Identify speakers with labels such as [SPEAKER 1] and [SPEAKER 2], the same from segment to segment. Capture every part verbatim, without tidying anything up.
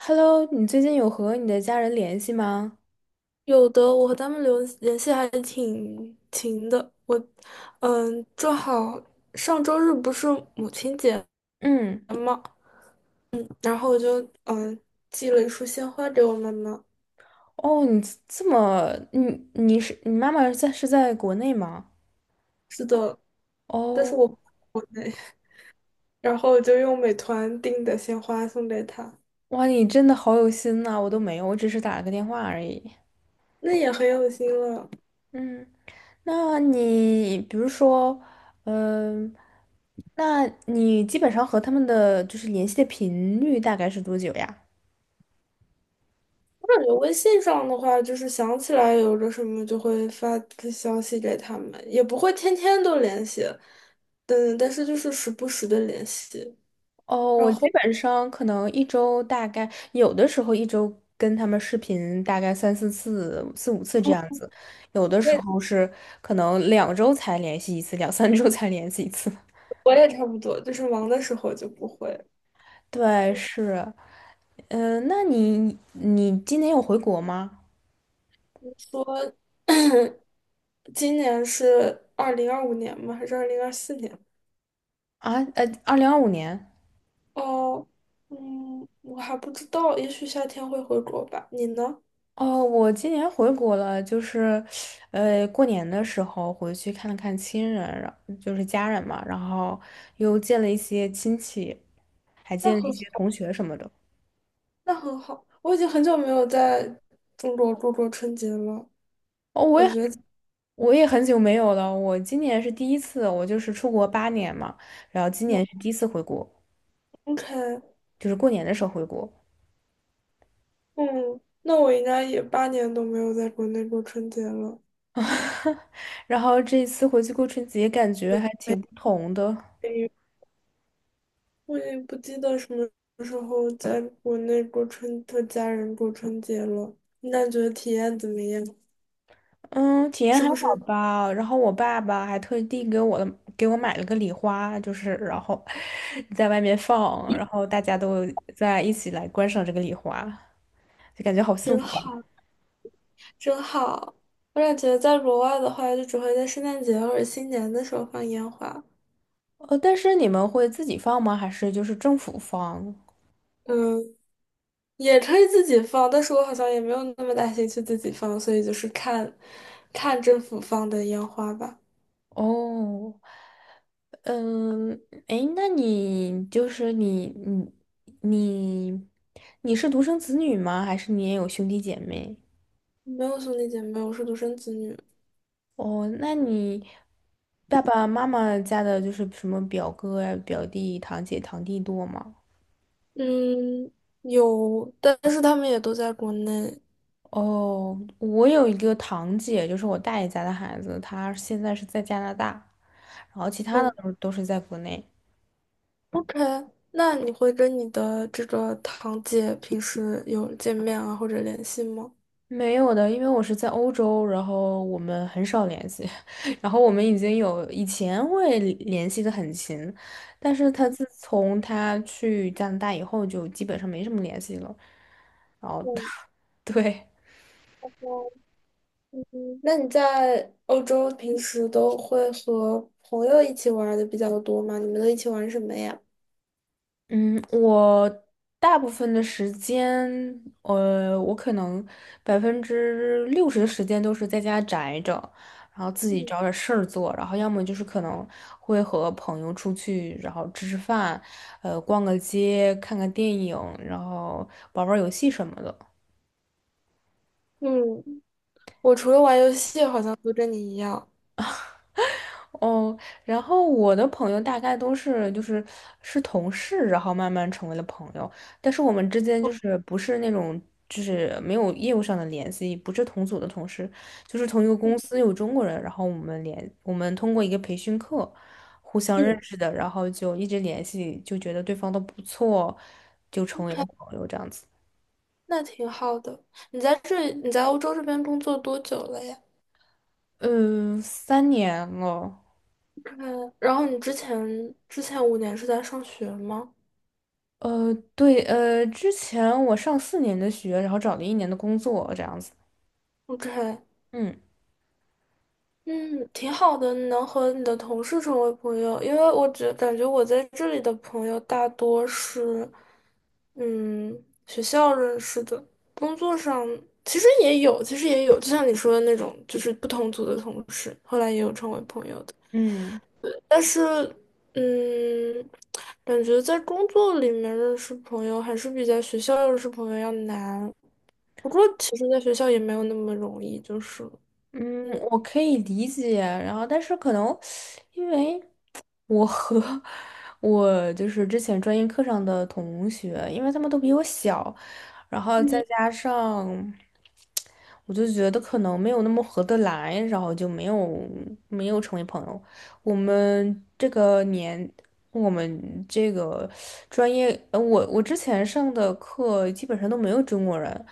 [SPEAKER 1] Hello，你最近有和你的家人联系吗？
[SPEAKER 2] 有的，我和他们留联系还挺勤的。我，嗯，正好上周日不是母亲节
[SPEAKER 1] 嗯，
[SPEAKER 2] 嘛，然后我就嗯寄了一束鲜花给我妈妈。
[SPEAKER 1] 哦，你这这么，你你是你妈妈在是在国内吗？
[SPEAKER 2] 是的，但是我不
[SPEAKER 1] 哦，
[SPEAKER 2] 在国内，然后我就用美团订的鲜花送给她，
[SPEAKER 1] 哇，你真的好有心呐，我都没有，我只是打了个电话而已。
[SPEAKER 2] 那也很有心了。
[SPEAKER 1] 嗯，那你比如说，嗯、那你基本上和他们的就是联系的频率大概是多久呀？
[SPEAKER 2] 我感觉微信上的话，就是想起来有个什么就会发个消息给他们，也不会天天都联系，嗯，但是就是时不时的联系。
[SPEAKER 1] 哦，
[SPEAKER 2] 然
[SPEAKER 1] 我基
[SPEAKER 2] 后。
[SPEAKER 1] 本上可能一周大概有的时候一周跟他们视频大概三四次、四五次这样
[SPEAKER 2] 哦，
[SPEAKER 1] 子，有的
[SPEAKER 2] 我
[SPEAKER 1] 时
[SPEAKER 2] 也
[SPEAKER 1] 候是可能两周才联系一次，两三周才联系一次。
[SPEAKER 2] 我也差不多，就是忙的时候就不会
[SPEAKER 1] 对，是，嗯、那你你今年有回国吗？
[SPEAKER 2] 说。今年是二零二五年吗？还是二零二四年？
[SPEAKER 1] 啊，呃，二零二五年。
[SPEAKER 2] 哦，嗯，我还不知道，也许夏天会回国吧。你呢？
[SPEAKER 1] 哦，我今年回国了，就是，呃，过年的时候回去看了看亲人，然就是家人嘛，然后又见了一些亲戚。还
[SPEAKER 2] 那
[SPEAKER 1] 见了一
[SPEAKER 2] 很
[SPEAKER 1] 些
[SPEAKER 2] 好，
[SPEAKER 1] 同学什么的。
[SPEAKER 2] 那很好。我已经很久没有在中国过过春节了，
[SPEAKER 1] 哦，我也
[SPEAKER 2] 感
[SPEAKER 1] 很
[SPEAKER 2] 觉
[SPEAKER 1] 我也很久没有了，我今年是第一次，我就是出国八年嘛，然后今
[SPEAKER 2] 我
[SPEAKER 1] 年是第一次回国，
[SPEAKER 2] OK，嗯，
[SPEAKER 1] 就是过年的时候回国。
[SPEAKER 2] 嗯那我应该也八年都没有在国内过春节了。
[SPEAKER 1] 然后这一次回去过春节，感觉还挺不同的。
[SPEAKER 2] 没我也不记得什么时候在国内过春和家人过春节了。你感觉体验怎么样？
[SPEAKER 1] 嗯，体验
[SPEAKER 2] 是
[SPEAKER 1] 还
[SPEAKER 2] 不
[SPEAKER 1] 好
[SPEAKER 2] 是
[SPEAKER 1] 吧。然后我爸爸还特地给我的给我买了个礼花，就是然后 在外面放，然后大家都在一起来观赏这个礼花，就感觉好幸
[SPEAKER 2] 真
[SPEAKER 1] 福啊。
[SPEAKER 2] 好？真好！我感觉在国外的话，就只会在圣诞节或者新年的时候放烟花。
[SPEAKER 1] 呃，但是你们会自己放吗？还是就是政府放？
[SPEAKER 2] 嗯，也可以自己放，但是我好像也没有那么大兴趣自己放，所以就是看，看政府放的烟花吧。
[SPEAKER 1] 哦，嗯，诶，那你就是你你你你是独生子女吗？还是你也有兄弟姐妹？
[SPEAKER 2] 没有兄弟姐妹，我是独生子女。
[SPEAKER 1] 哦，那你爸爸妈妈家的就是什么表哥呀、表弟、堂姐、堂弟多吗？
[SPEAKER 2] 嗯，有，但是他们也都在国内。
[SPEAKER 1] 哦，我有一个堂姐，就是我大爷家的孩子，他现在是在加拿大，然后其他的
[SPEAKER 2] 嗯，
[SPEAKER 1] 都是都是在国内。
[SPEAKER 2] OK，那你会跟你的这个堂姐平时有见面啊或者联系吗？
[SPEAKER 1] 没有的，因为我是在欧洲，然后我们很少联系，然后我们已经有以前会联系的很勤，但是他自从他去加拿大以后，就基本上没什么联系了。然后，
[SPEAKER 2] 嗯，
[SPEAKER 1] 对。
[SPEAKER 2] 嗯那你在欧洲平时都会和朋友一起玩儿的比较多吗？你们都一起玩什么呀？
[SPEAKER 1] 嗯，我大部分的时间，呃，我可能百分之六十的时间都是在家宅着，然后自己找点事儿做，然后要么就是可能会和朋友出去，然后吃吃饭，呃，逛个街，看看电影，然后玩玩游戏什么的。
[SPEAKER 2] 嗯，我除了玩游戏，好像都跟你一样。
[SPEAKER 1] 哦，然后我的朋友大概都是就是是同事，然后慢慢成为了朋友，但是我们之间就是不是那种就是没有业务上的联系，不是同组的同事，就是同一个公司有中国人，然后我们联我们通过一个培训课互相认
[SPEAKER 2] 嗯，
[SPEAKER 1] 识的，然后就一直联系，就觉得对方都不错，就成为了
[SPEAKER 2] 还
[SPEAKER 1] 朋友这样子。
[SPEAKER 2] 那挺好的。你在这，你在欧洲这边工作多久了呀
[SPEAKER 1] 嗯，三年了。
[SPEAKER 2] ？OK，然后你之前之前五年是在上学吗
[SPEAKER 1] 呃，对，呃，之前我上四年的学，然后找了一年的工作，这样子。
[SPEAKER 2] ？OK，
[SPEAKER 1] 嗯
[SPEAKER 2] 嗯，挺好的，你能和你的同事成为朋友，因为我觉感觉我在这里的朋友大多是，嗯，学校认识的，工作上其实也有，其实也有，就像你说的那种，就是不同组的同事，后来也有成为朋友的，
[SPEAKER 1] 嗯
[SPEAKER 2] 但是，嗯，感觉在工作里面认识朋友还是比在学校认识朋友要难，不过其实在学校也没有那么容易，就是。
[SPEAKER 1] 嗯，
[SPEAKER 2] 嗯，
[SPEAKER 1] 我可以理解。然后，但是可能因为我和 我就是之前专业课上的同学，因为他们都比我小，然后再加上，我就觉得可能没有那么合得来，然后就没有没有成为朋友。我们这个年，我们这个专业，呃，我我之前上的课基本上都没有中国人，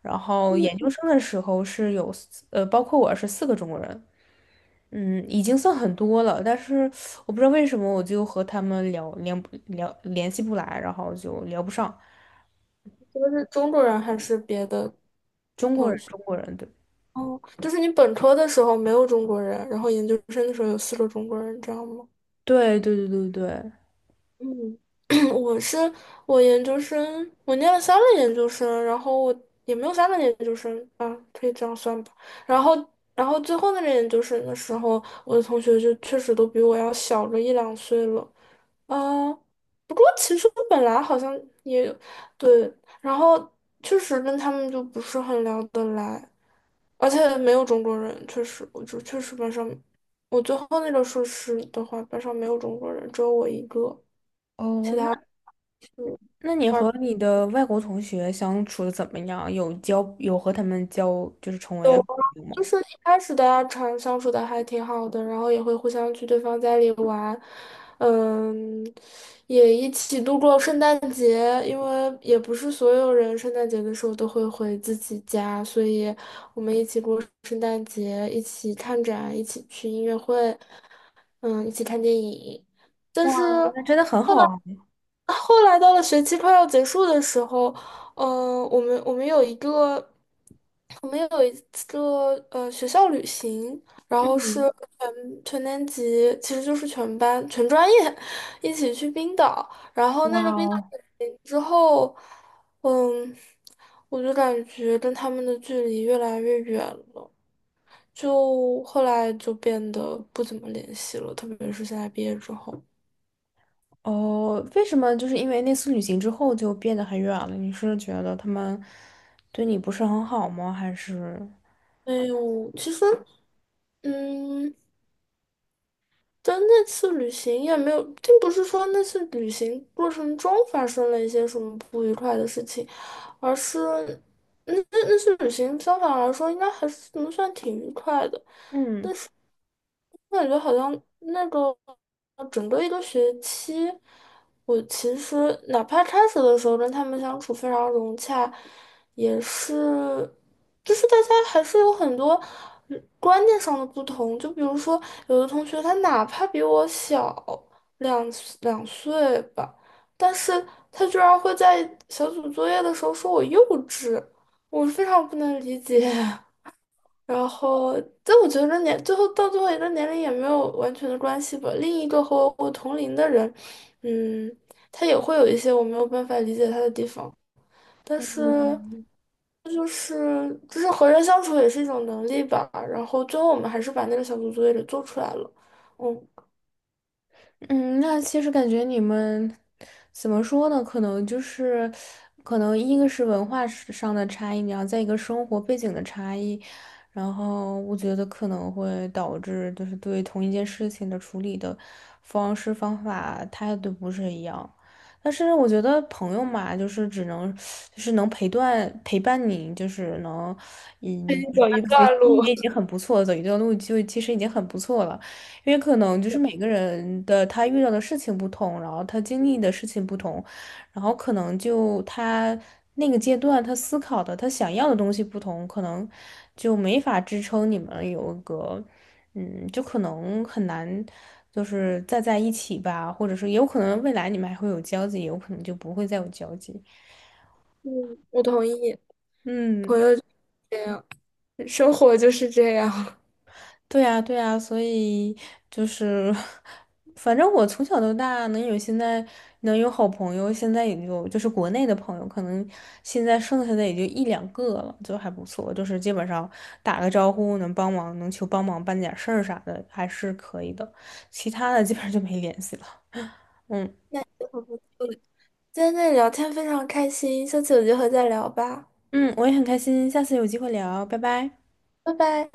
[SPEAKER 1] 然后研究生的时候是有四呃，包括我是四个中国人。嗯，已经算很多了，但是我不知道为什么我就和他们聊聊不聊联系不来，然后就聊不上
[SPEAKER 2] 就是中国人还是别的。
[SPEAKER 1] 中国人，中国人，对。
[SPEAKER 2] 哦，就是你本科的时候没有中国人，然后研究生的时候有四个中国人，这样吗？
[SPEAKER 1] 对对对对对。
[SPEAKER 2] 嗯，我是我研究生，我念了三个研究生，然后我也没有三个研究生啊，可以这样算吧。然后，然后最后那个研究生的时候，我的同学就确实都比我要小个一两岁了。啊，不过其实本来好像也对，然后确实跟他们就不是很聊得来，而且没有中国人，确实，我就确实班上，我最后那个硕士的话，班上没有中国人，只有我一个，
[SPEAKER 1] 哦，那
[SPEAKER 2] 就
[SPEAKER 1] 那你和你的外国同学相处的怎么样？有交有和他们交就是成
[SPEAKER 2] 嗯，
[SPEAKER 1] 为好朋友吗？
[SPEAKER 2] 就是一开始大家常相处的还挺好的，然后也会互相去对方家里玩，嗯，也一起度过圣诞节，因为也不是所有人圣诞节的时候都会回自己家，所以我们一起过圣诞节，一起看展，一起去音乐会，嗯，一起看电影。但
[SPEAKER 1] 哇，
[SPEAKER 2] 是。
[SPEAKER 1] 那真的很好啊。
[SPEAKER 2] 后来到了学期快要结束的时候，嗯、我们我们有一个，我们有一个呃学校旅行，然后是
[SPEAKER 1] 嗯，
[SPEAKER 2] 全全年级，其实就是全班全专业一起去冰岛，然后
[SPEAKER 1] 哇
[SPEAKER 2] 那个冰岛
[SPEAKER 1] 哦，
[SPEAKER 2] 旅行之后，嗯，我就感觉跟他们的距离越来越远了，就后来就变得不怎么联系了，特别是现在毕业之后，
[SPEAKER 1] 哦，为什么就是因为那次旅行之后就变得很远了？你是觉得他们对你不是很好吗？还是
[SPEAKER 2] 没有，其实。嗯，但那次旅行也没有，并不是说那次旅行过程中发生了一些什么不愉快的事情，而是那那那次旅行相反来说应该还是能算挺愉快的。
[SPEAKER 1] 嗯？
[SPEAKER 2] 我感觉好像那个整个一个学期，我其实哪怕开始的时候跟他们相处非常融洽，也是，就是大家还是有很多嗯观念上的不同。就比如说，有的同学他哪怕比我小两两岁吧，但是他居然会在小组作业的时候说我幼稚，我非常不能理解。然后，但我觉得年最后到最后一个年龄也没有完全的关系吧。另一个和我同龄的人，嗯，他也会有一些我没有办法理解他的地方，但是
[SPEAKER 1] 嗯，
[SPEAKER 2] 就是就是和人相处也是一种能力吧。然后最后我们还是把那个小组作业给做出来了。嗯
[SPEAKER 1] 嗯，那其实感觉你们怎么说呢？可能就是，可能一个是文化是上的差异，然后再一个生活背景的差异，然后我觉得可能会导致就是对同一件事情的处理的方式、方法、态度不是一样。但是我觉得朋友嘛，就是只能就是能陪伴陪伴你，就是能嗯陪
[SPEAKER 2] 走一
[SPEAKER 1] 伴学
[SPEAKER 2] 段
[SPEAKER 1] 习
[SPEAKER 2] 路。
[SPEAKER 1] 也已 经很不错，走一段路就其实已经很不错了。因为可能就是每个人的他遇到的事情不同，然后他经历的事情不同，然后可能就他那个阶段他思考的他想要的东西不同，可能就没法支撑你们有一个，嗯，就可能很难，就是再在一起吧，或者是有可能未来你们还会有交集，有可能就不会再有交集。
[SPEAKER 2] 嗯，我同意。
[SPEAKER 1] 嗯。
[SPEAKER 2] 这样，生活就是这样。
[SPEAKER 1] 对呀，对呀，所以就是，反正我从小到大能有现在能有好朋友，现在也就就是国内的朋友，可能现在剩下的也就一两个了，就还不错，就是基本上打个招呼能帮忙，能求帮忙办点事儿啥的，还是可以的。其他的基本上就没联系了。嗯
[SPEAKER 2] 今天跟你聊天非常开心，下次有机会再聊吧，
[SPEAKER 1] 嗯，我也很开心，下次有机会聊，拜拜。
[SPEAKER 2] 拜拜。